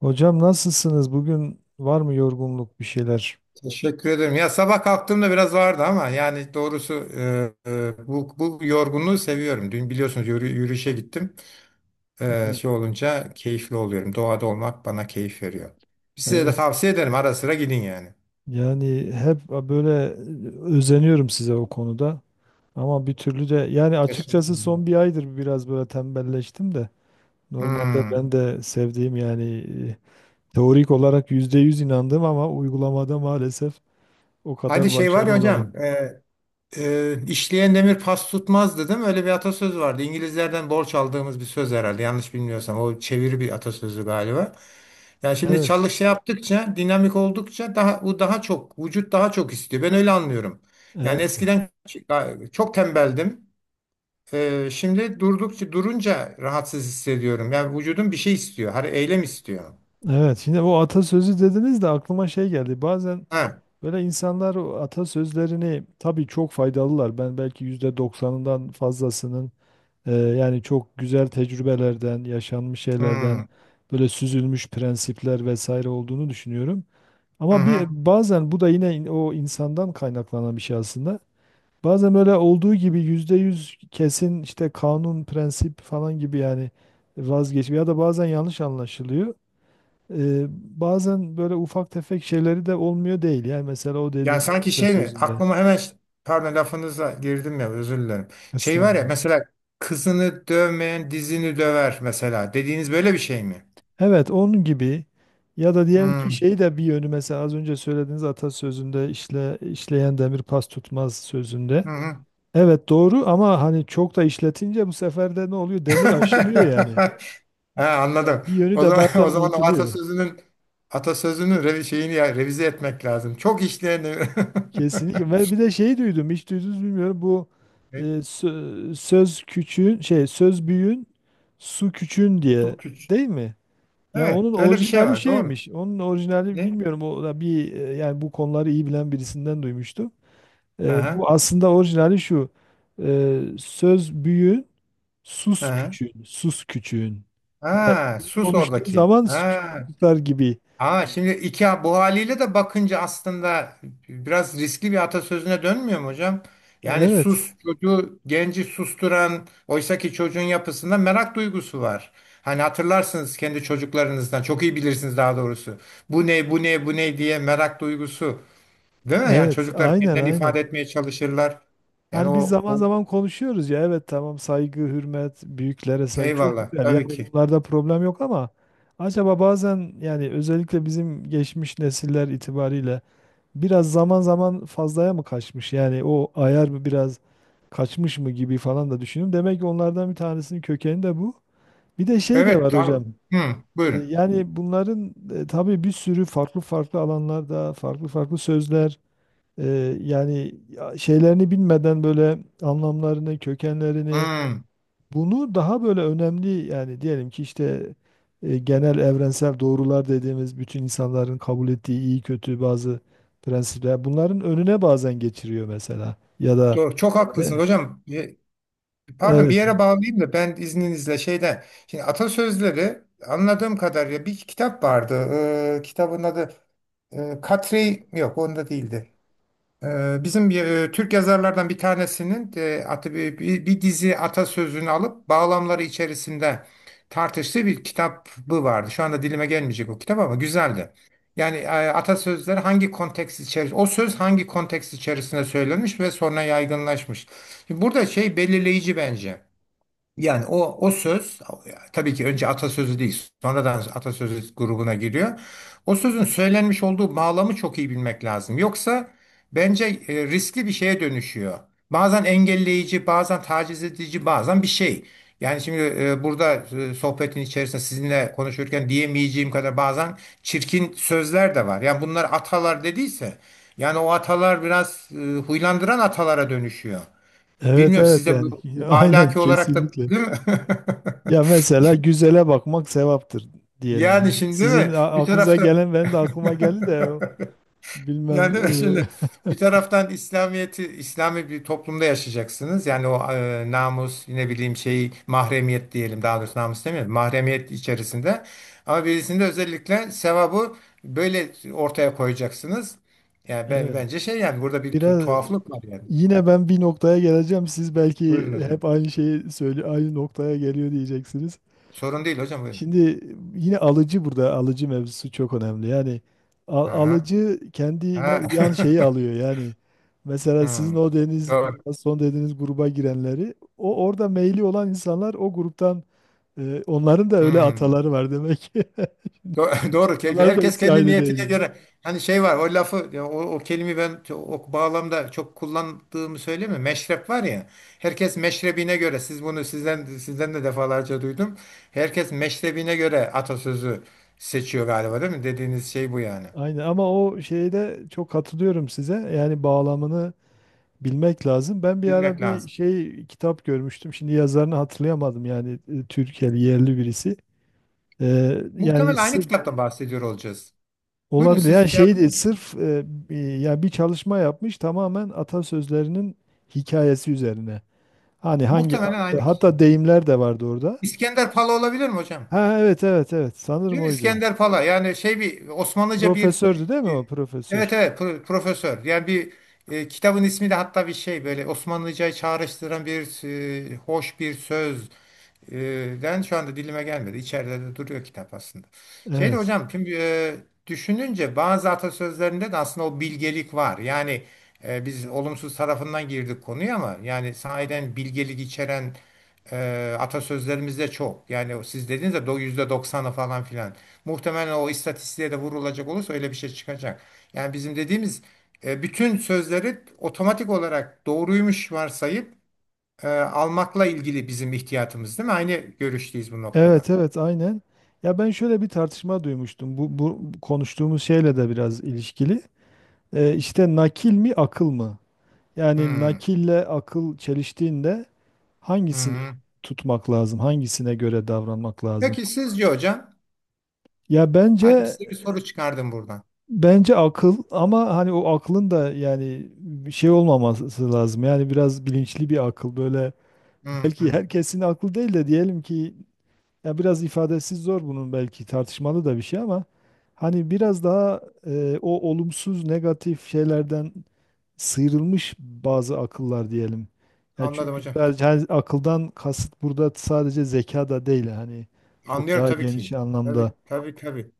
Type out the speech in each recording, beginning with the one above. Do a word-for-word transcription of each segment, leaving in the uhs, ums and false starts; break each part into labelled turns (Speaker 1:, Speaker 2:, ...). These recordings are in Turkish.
Speaker 1: Hocam nasılsınız? Bugün var mı yorgunluk bir şeyler?
Speaker 2: Teşekkür ederim. Ya sabah kalktığımda biraz vardı ama yani doğrusu e, e, bu, bu yorgunluğu seviyorum. Dün biliyorsunuz yürü- yürüyüşe gittim. E,
Speaker 1: Evet.
Speaker 2: şey olunca keyifli oluyorum. Doğada olmak bana keyif veriyor. Size de
Speaker 1: Evet.
Speaker 2: tavsiye ederim. Ara sıra gidin yani.
Speaker 1: Yani hep böyle özeniyorum size o konuda. Ama bir türlü de yani
Speaker 2: Teşekkür
Speaker 1: açıkçası
Speaker 2: ederim.
Speaker 1: son bir aydır biraz böyle tembelleştim de. Normalde
Speaker 2: Hmm.
Speaker 1: ben de sevdiğim yani e, teorik olarak yüzde yüz inandım ama uygulamada maalesef o
Speaker 2: Hadi
Speaker 1: kadar
Speaker 2: şey var
Speaker 1: başarılı
Speaker 2: ya
Speaker 1: olamadım.
Speaker 2: hocam. E, Ee, işleyen demir pas tutmaz değil. Öyle bir atasöz vardı. İngilizlerden borç aldığımız bir söz herhalde. Yanlış bilmiyorsam. O çeviri bir atasözü galiba. Yani şimdi
Speaker 1: Evet,
Speaker 2: çalış şey yaptıkça, dinamik oldukça daha bu daha çok vücut daha çok istiyor. Ben öyle anlıyorum. Yani
Speaker 1: evet,
Speaker 2: eskiden çok tembeldim. Ee, şimdi durdukça durunca rahatsız hissediyorum. Yani vücudum bir şey istiyor. Hani eylem istiyor.
Speaker 1: evet. Şimdi o atasözü dediniz de aklıma şey geldi. Bazen
Speaker 2: Ha.
Speaker 1: böyle insanlar o atasözlerini tabii çok faydalılar. Ben belki yüzde doksanından fazlasının e, yani çok güzel tecrübelerden, yaşanmış şeylerden
Speaker 2: Hmm.
Speaker 1: böyle süzülmüş prensipler vesaire olduğunu düşünüyorum.
Speaker 2: Hı
Speaker 1: Ama
Speaker 2: hı.
Speaker 1: bir bazen bu da yine in- o insandan kaynaklanan bir şey aslında. Bazen böyle olduğu gibi yüzde yüz kesin işte kanun, prensip falan gibi yani vazgeç ya da bazen yanlış anlaşılıyor. Ee, Bazen böyle ufak tefek şeyleri de olmuyor değil. Yani mesela o
Speaker 2: Ya
Speaker 1: dediğin
Speaker 2: sanki şey mi?
Speaker 1: atasözünde.
Speaker 2: Aklıma hemen ş- pardon, lafınıza girdim ya, özür dilerim. Şey var ya
Speaker 1: Estağfurullah.
Speaker 2: mesela kızını dövmeyen dizini döver mesela. Dediğiniz böyle bir şey mi?
Speaker 1: Evet, onun gibi ya da diyelim ki
Speaker 2: Hmm.
Speaker 1: şey de bir yönü, mesela az önce söylediğiniz atasözünde, işle, işleyen demir pas tutmaz sözünde.
Speaker 2: Hı hı.
Speaker 1: Evet, doğru ama hani çok da işletince bu sefer de ne oluyor? Demir aşınıyor yani.
Speaker 2: Ha, anladım.
Speaker 1: Yani bir yönü
Speaker 2: O
Speaker 1: de
Speaker 2: zaman
Speaker 1: bazen
Speaker 2: o zaman o
Speaker 1: unutuluyor.
Speaker 2: atasözünün atasözünün revi şeyini ya, revize etmek lazım. Çok işleyen
Speaker 1: Kesinlikle. Ve bir de şey duydum, hiç duydunuz bilmiyorum. Bu e,
Speaker 2: E,
Speaker 1: sö- söz küçüğün, şey söz büyüğün, su küçüğün diye,
Speaker 2: su küç.
Speaker 1: değil mi? Ya
Speaker 2: Evet,
Speaker 1: onun
Speaker 2: öyle bir şey
Speaker 1: orijinali
Speaker 2: var. Doğru.
Speaker 1: şeymiş. Onun orijinali
Speaker 2: Ne?
Speaker 1: bilmiyorum. O da bir e, yani bu konuları iyi bilen birisinden duymuştum. E,
Speaker 2: Aha,
Speaker 1: bu aslında orijinali şu. E, söz büyüğün, sus
Speaker 2: aha.
Speaker 1: küçüğün, sus küçüğün. Yani
Speaker 2: Ha,
Speaker 1: büyük
Speaker 2: sus
Speaker 1: konuştuğu
Speaker 2: oradaki.
Speaker 1: zaman küçük
Speaker 2: Ha.
Speaker 1: tutar gibi.
Speaker 2: Aa, şimdi iki bu haliyle de bakınca aslında biraz riskli bir atasözüne dönmüyor mu hocam? Yani
Speaker 1: Evet,
Speaker 2: sus çocuğu genci susturan oysaki çocuğun yapısında merak duygusu var. Hani hatırlarsınız kendi çocuklarınızdan çok iyi bilirsiniz daha doğrusu. Bu ne bu ne bu ne diye merak duygusu, değil mi? Yani
Speaker 1: evet,
Speaker 2: çocuklar
Speaker 1: aynen
Speaker 2: kendilerini
Speaker 1: aynen.
Speaker 2: ifade etmeye çalışırlar. Yani
Speaker 1: Hani biz
Speaker 2: o,
Speaker 1: zaman
Speaker 2: o
Speaker 1: zaman konuşuyoruz ya, evet, tamam, saygı, hürmet, büyüklere saygı çok
Speaker 2: eyvallah,
Speaker 1: güzel.
Speaker 2: tabii
Speaker 1: Yani
Speaker 2: ki.
Speaker 1: bunlarda problem yok ama acaba bazen, yani özellikle bizim geçmiş nesiller itibariyle, biraz zaman zaman fazlaya mı kaçmış? Yani o ayar mı biraz kaçmış mı gibi falan da düşünüyorum. Demek ki onlardan bir tanesinin kökeni de bu. Bir de şey de
Speaker 2: Evet,
Speaker 1: var hocam.
Speaker 2: tamam. Hı,
Speaker 1: E,
Speaker 2: buyurun.
Speaker 1: Yani bunların e, tabii bir sürü farklı farklı alanlarda farklı farklı sözler, ee, yani ya şeylerini bilmeden böyle anlamlarını, kökenlerini
Speaker 2: Hı,
Speaker 1: bunu daha böyle önemli, yani diyelim ki işte e, genel evrensel doğrular dediğimiz bütün insanların kabul ettiği iyi kötü bazı prensipler bunların önüne bazen geçiriyor mesela, ya da
Speaker 2: doğru, çok
Speaker 1: e,
Speaker 2: haklısınız hocam. e, Pardon, bir
Speaker 1: evet
Speaker 2: yere bağlayayım da ben izninizle şeyden. Şimdi atasözleri anladığım kadarıyla bir kitap vardı. Ee, kitabın adı e, Katri yok, onda değildi. Ee, bizim bir, e, Türk yazarlardan bir tanesinin e, atı, bir, bir, bir dizi atasözünü alıp bağlamları içerisinde tartıştığı bir kitabı vardı. Şu anda dilime gelmeyecek o kitap ama güzeldi. Yani e, atasözleri hangi konteks içerisinde, o söz hangi konteks içerisinde söylenmiş ve sonra yaygınlaşmış. Şimdi burada şey belirleyici bence. Yani o o söz tabii ki önce atasözü değil, sonradan atasözü grubuna giriyor. O sözün söylenmiş olduğu bağlamı çok iyi bilmek lazım. Yoksa bence e, riskli bir şeye dönüşüyor. Bazen engelleyici, bazen taciz edici, bazen bir şey. Yani şimdi e, burada e, sohbetin içerisinde sizinle konuşurken diyemeyeceğim kadar bazen çirkin sözler de var. Yani bunlar atalar dediyse, yani o atalar biraz e, huylandıran atalara dönüşüyor.
Speaker 1: evet
Speaker 2: Bilmiyorum
Speaker 1: evet
Speaker 2: sizde
Speaker 1: yani
Speaker 2: bu, bu
Speaker 1: aynen
Speaker 2: ahlaki olarak da
Speaker 1: kesinlikle.
Speaker 2: değil mi?
Speaker 1: Ya mesela güzele bakmak sevaptır diyelim.
Speaker 2: Yani
Speaker 1: Hani
Speaker 2: şimdi değil
Speaker 1: sizin
Speaker 2: mi?
Speaker 1: a-
Speaker 2: Bir
Speaker 1: aklınıza
Speaker 2: tarafta
Speaker 1: gelen benim de aklıma geldi de o
Speaker 2: yani
Speaker 1: bilmem
Speaker 2: değil mi? Şimdi
Speaker 1: e,
Speaker 2: bir taraftan İslamiyeti İslami bir toplumda yaşayacaksınız. Yani o e, namus ne bileyim şey mahremiyet diyelim daha doğrusu namus demiyorum. Mahremiyet içerisinde. Ama birisinde özellikle sevabı böyle ortaya koyacaksınız. Yani ben,
Speaker 1: evet.
Speaker 2: bence şey yani burada bir tu-
Speaker 1: Biraz.
Speaker 2: tuhaflık var yani.
Speaker 1: Yine ben bir noktaya geleceğim. Siz belki
Speaker 2: Buyurun hocam.
Speaker 1: hep aynı şeyi söyle, aynı noktaya geliyor diyeceksiniz.
Speaker 2: Sorun değil hocam, buyurun.
Speaker 1: Şimdi yine alıcı, burada alıcı mevzusu çok önemli. Yani al-
Speaker 2: Aha.
Speaker 1: alıcı kendine
Speaker 2: Ha.
Speaker 1: uyan şeyi alıyor. Yani mesela sizin
Speaker 2: Hı,
Speaker 1: o deniz
Speaker 2: doğru.
Speaker 1: gruba, son dediğiniz gruba girenleri, o orada meyli olan insanlar o gruptan, e, onların da öyle
Speaker 2: Hmm.
Speaker 1: ataları var demek ki.
Speaker 2: Do- Doğru. Ke-
Speaker 1: Ataları da
Speaker 2: Herkes
Speaker 1: hepsi
Speaker 2: kendi
Speaker 1: aynı değil.
Speaker 2: niyetine
Speaker 1: Yani.
Speaker 2: göre. Hani şey var o lafı ya o, o kelimeyi ben ço- o bağlamda çok kullandığımı söyleyeyim mi? Meşrep var ya. Herkes meşrebine göre. Siz bunu sizden sizden de defalarca duydum. Herkes meşrebine göre atasözü seçiyor galiba, değil mi? Dediğiniz şey bu yani.
Speaker 1: Aynen, ama o şeyde çok katılıyorum size. Yani bağlamını bilmek lazım. Ben bir
Speaker 2: Bilmek
Speaker 1: ara bir
Speaker 2: lazım.
Speaker 1: şey, kitap görmüştüm. Şimdi yazarını hatırlayamadım, yani e, Türkiye'li yerli birisi. Ee, yani
Speaker 2: Muhtemelen aynı
Speaker 1: sırf
Speaker 2: kitaptan bahsediyor olacağız. Buyurun
Speaker 1: olabilir. Yani
Speaker 2: siz şey
Speaker 1: şey değil,
Speaker 2: yapın.
Speaker 1: sırf e, bir- yani bir çalışma yapmış tamamen atasözlerinin hikayesi üzerine. Hani hangi
Speaker 2: Muhtemelen aynı kişi.
Speaker 1: hatta deyimler de vardı orada.
Speaker 2: İskender Pala olabilir mi hocam?
Speaker 1: Ha, evet evet evet, sanırım
Speaker 2: Değil mi?
Speaker 1: oydu.
Speaker 2: İskender Pala yani şey bir Osmanlıca bir
Speaker 1: Profesördü değil mi
Speaker 2: e,
Speaker 1: o,
Speaker 2: evet
Speaker 1: profesör?
Speaker 2: evet pro- profesör yani bir e, kitabın ismi de hatta bir şey böyle Osmanlıcayı çağrıştıran bir e, hoş bir söz ee, ben şu anda dilime gelmedi. İçeride de duruyor kitap aslında. Şeyde
Speaker 1: Evet.
Speaker 2: hocam şimdi e, düşününce bazı atasözlerinde de aslında o bilgelik var. Yani e, biz olumsuz tarafından girdik konuya ama yani sahiden bilgelik içeren e, atasözlerimiz de çok. Yani o siz dediğiniz de do- yüzde doksanı falan filan. Muhtemelen o istatistiğe de vurulacak olursa öyle bir şey çıkacak. Yani bizim dediğimiz e, bütün sözleri otomatik olarak doğruymuş varsayıp e, almakla ilgili bizim ihtiyatımız, değil mi? Aynı görüşteyiz bu
Speaker 1: Evet
Speaker 2: noktada.
Speaker 1: evet aynen. Ya ben şöyle bir tartışma duymuştum. Bu, bu konuştuğumuz şeyle de biraz ilişkili. E, işte nakil mi, akıl mı? Yani
Speaker 2: Hmm,
Speaker 1: nakille akıl çeliştiğinde hangisini
Speaker 2: hmm.
Speaker 1: tutmak lazım? Hangisine göre davranmak lazım?
Speaker 2: Peki sizce hocam?
Speaker 1: Ya
Speaker 2: Hadi
Speaker 1: bence,
Speaker 2: size bir soru çıkardım buradan.
Speaker 1: bence akıl, ama hani o aklın da yani bir şey olmaması lazım. Yani biraz bilinçli bir akıl, böyle
Speaker 2: Hmm,
Speaker 1: belki
Speaker 2: hmm.
Speaker 1: herkesin aklı değil de diyelim ki, ya biraz ifadesi zor bunun, belki tartışmalı da bir şey, ama hani biraz daha e, o olumsuz negatif şeylerden sıyrılmış bazı akıllar diyelim. Ya
Speaker 2: Anladım
Speaker 1: çünkü
Speaker 2: hocam.
Speaker 1: sadece, hani akıldan kasıt burada sadece zeka da değil, hani çok
Speaker 2: Anlıyorum
Speaker 1: daha
Speaker 2: tabii
Speaker 1: geniş
Speaker 2: ki.
Speaker 1: anlamda.
Speaker 2: Tabii tabii tabii.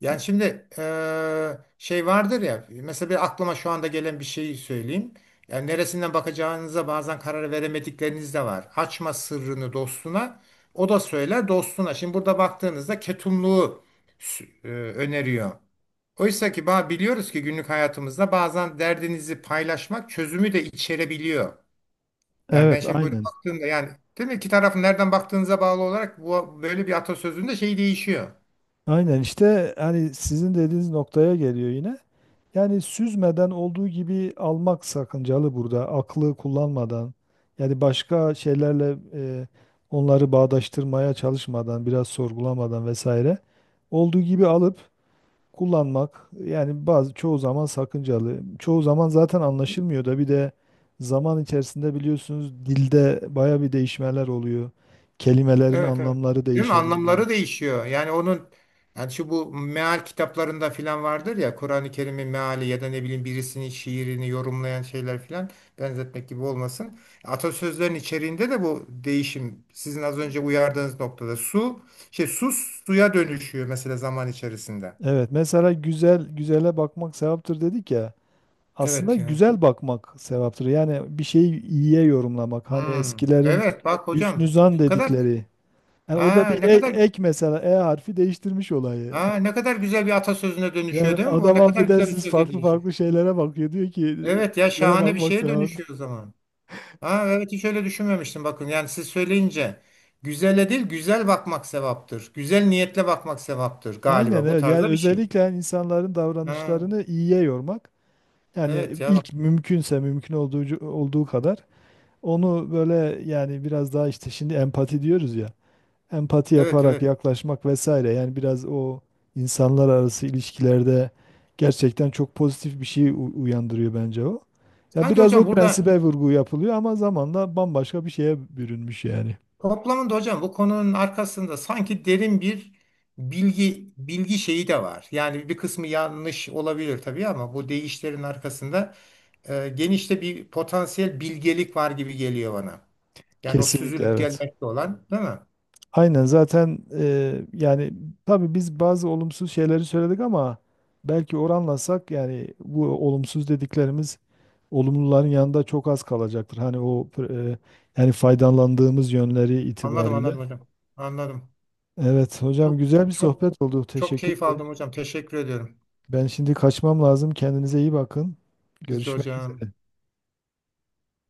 Speaker 2: Yani şimdi eee, şey vardır ya mesela bir aklıma şu anda gelen bir şeyi söyleyeyim. Yani neresinden bakacağınıza bazen karar veremedikleriniz de var. Açma sırrını dostuna, o da söyler dostuna. Şimdi burada baktığınızda ketumluğu sü- eee, öneriyor. Oysa ki ba- biliyoruz ki günlük hayatımızda bazen derdinizi paylaşmak çözümü de içerebiliyor. Yani ben
Speaker 1: Evet,
Speaker 2: şimdi böyle
Speaker 1: aynen.
Speaker 2: baktığımda yani, değil mi? İki tarafın nereden baktığınıza bağlı olarak bu böyle bir atasözünde şey değişiyor.
Speaker 1: Aynen işte hani sizin dediğiniz noktaya geliyor yine. Yani süzmeden olduğu gibi almak sakıncalı burada. Aklı kullanmadan, yani başka şeylerle e, onları bağdaştırmaya çalışmadan, biraz sorgulamadan vesaire, olduğu gibi alıp kullanmak yani bazı, çoğu zaman sakıncalı. Çoğu zaman zaten anlaşılmıyor da, bir de zaman içerisinde biliyorsunuz dilde baya bir değişmeler oluyor. Kelimelerin
Speaker 2: Evet evet.
Speaker 1: anlamları
Speaker 2: Değil mi?
Speaker 1: değişebiliyor.
Speaker 2: Anlamları değişiyor. Yani onun yani şu bu meal kitaplarında filan vardır ya Kur'an-ı Kerim'in meali ya da ne bileyim birisinin şiirini yorumlayan şeyler filan, benzetmek gibi olmasın. Atasözlerin içeriğinde de bu değişim sizin az önce uyardığınız noktada su şey su suya dönüşüyor mesela zaman içerisinde.
Speaker 1: Evet, mesela güzel güzele bakmak sevaptır dedik ya. Aslında
Speaker 2: Evet ya.
Speaker 1: güzel bakmak sevaptır. Yani bir şeyi iyiye yorumlamak. Hani
Speaker 2: Hmm,
Speaker 1: eskilerin
Speaker 2: evet bak
Speaker 1: hüsnü
Speaker 2: hocam ne
Speaker 1: zan
Speaker 2: kadar.
Speaker 1: dedikleri. Yani orada
Speaker 2: Aa,
Speaker 1: bir
Speaker 2: ne
Speaker 1: e-
Speaker 2: kadar,
Speaker 1: ek, mesela E harfi değiştirmiş olayı.
Speaker 2: aa, ne kadar güzel bir atasözüne dönüşüyor,
Speaker 1: Yani
Speaker 2: değil mi? O
Speaker 1: adam,
Speaker 2: ne kadar güzel bir
Speaker 1: affedersiniz,
Speaker 2: söze
Speaker 1: farklı
Speaker 2: dönüşüyor.
Speaker 1: farklı şeylere bakıyor. Diyor ki
Speaker 2: Evet ya,
Speaker 1: nereye
Speaker 2: şahane bir
Speaker 1: bakmak
Speaker 2: şeye
Speaker 1: sevap.
Speaker 2: dönüşüyor o zaman. Aa, evet hiç öyle düşünmemiştim bakın. Yani siz söyleyince güzele değil güzel bakmak sevaptır. Güzel niyetle bakmak sevaptır
Speaker 1: Aynen
Speaker 2: galiba, bu
Speaker 1: evet. Yani
Speaker 2: tarzda bir şey.
Speaker 1: özellikle yani insanların
Speaker 2: Ha,
Speaker 1: davranışlarını iyiye yormak. Yani
Speaker 2: evet ya,
Speaker 1: ilk
Speaker 2: bak.
Speaker 1: mümkünse, mümkün olduğu, olduğu kadar onu böyle, yani biraz daha işte şimdi empati diyoruz ya. Empati
Speaker 2: Evet
Speaker 1: yaparak
Speaker 2: evet.
Speaker 1: yaklaşmak vesaire. Yani biraz o insanlar arası ilişkilerde gerçekten çok pozitif bir şey u- uyandırıyor bence o. Ya
Speaker 2: Sanki
Speaker 1: biraz o
Speaker 2: hocam burada.
Speaker 1: prensibe vurgu yapılıyor ama zamanla bambaşka bir şeye bürünmüş yani.
Speaker 2: Toplamında hocam bu konunun arkasında sanki derin bir bilgi bilgi şeyi de var. Yani bir kısmı yanlış olabilir tabii ama bu deyişlerin arkasında e, genişte bir potansiyel bilgelik var gibi geliyor bana. Yani o
Speaker 1: Kesinlikle
Speaker 2: süzülüp
Speaker 1: evet.
Speaker 2: gelmekte olan, değil mi?
Speaker 1: Aynen zaten e, yani tabii biz bazı olumsuz şeyleri söyledik ama belki oranlasak, yani bu olumsuz dediklerimiz olumluların yanında çok az kalacaktır. Hani o e, yani faydalandığımız yönleri
Speaker 2: Anladım
Speaker 1: itibariyle.
Speaker 2: anladım hocam. Anladım.
Speaker 1: Evet hocam,
Speaker 2: Çok
Speaker 1: güzel bir
Speaker 2: çok
Speaker 1: sohbet oldu.
Speaker 2: çok
Speaker 1: Teşekkür
Speaker 2: keyif
Speaker 1: ederim.
Speaker 2: aldım hocam. Teşekkür ediyorum.
Speaker 1: Ben şimdi kaçmam lazım. Kendinize iyi bakın.
Speaker 2: Siz de
Speaker 1: Görüşmek
Speaker 2: hocam.
Speaker 1: üzere.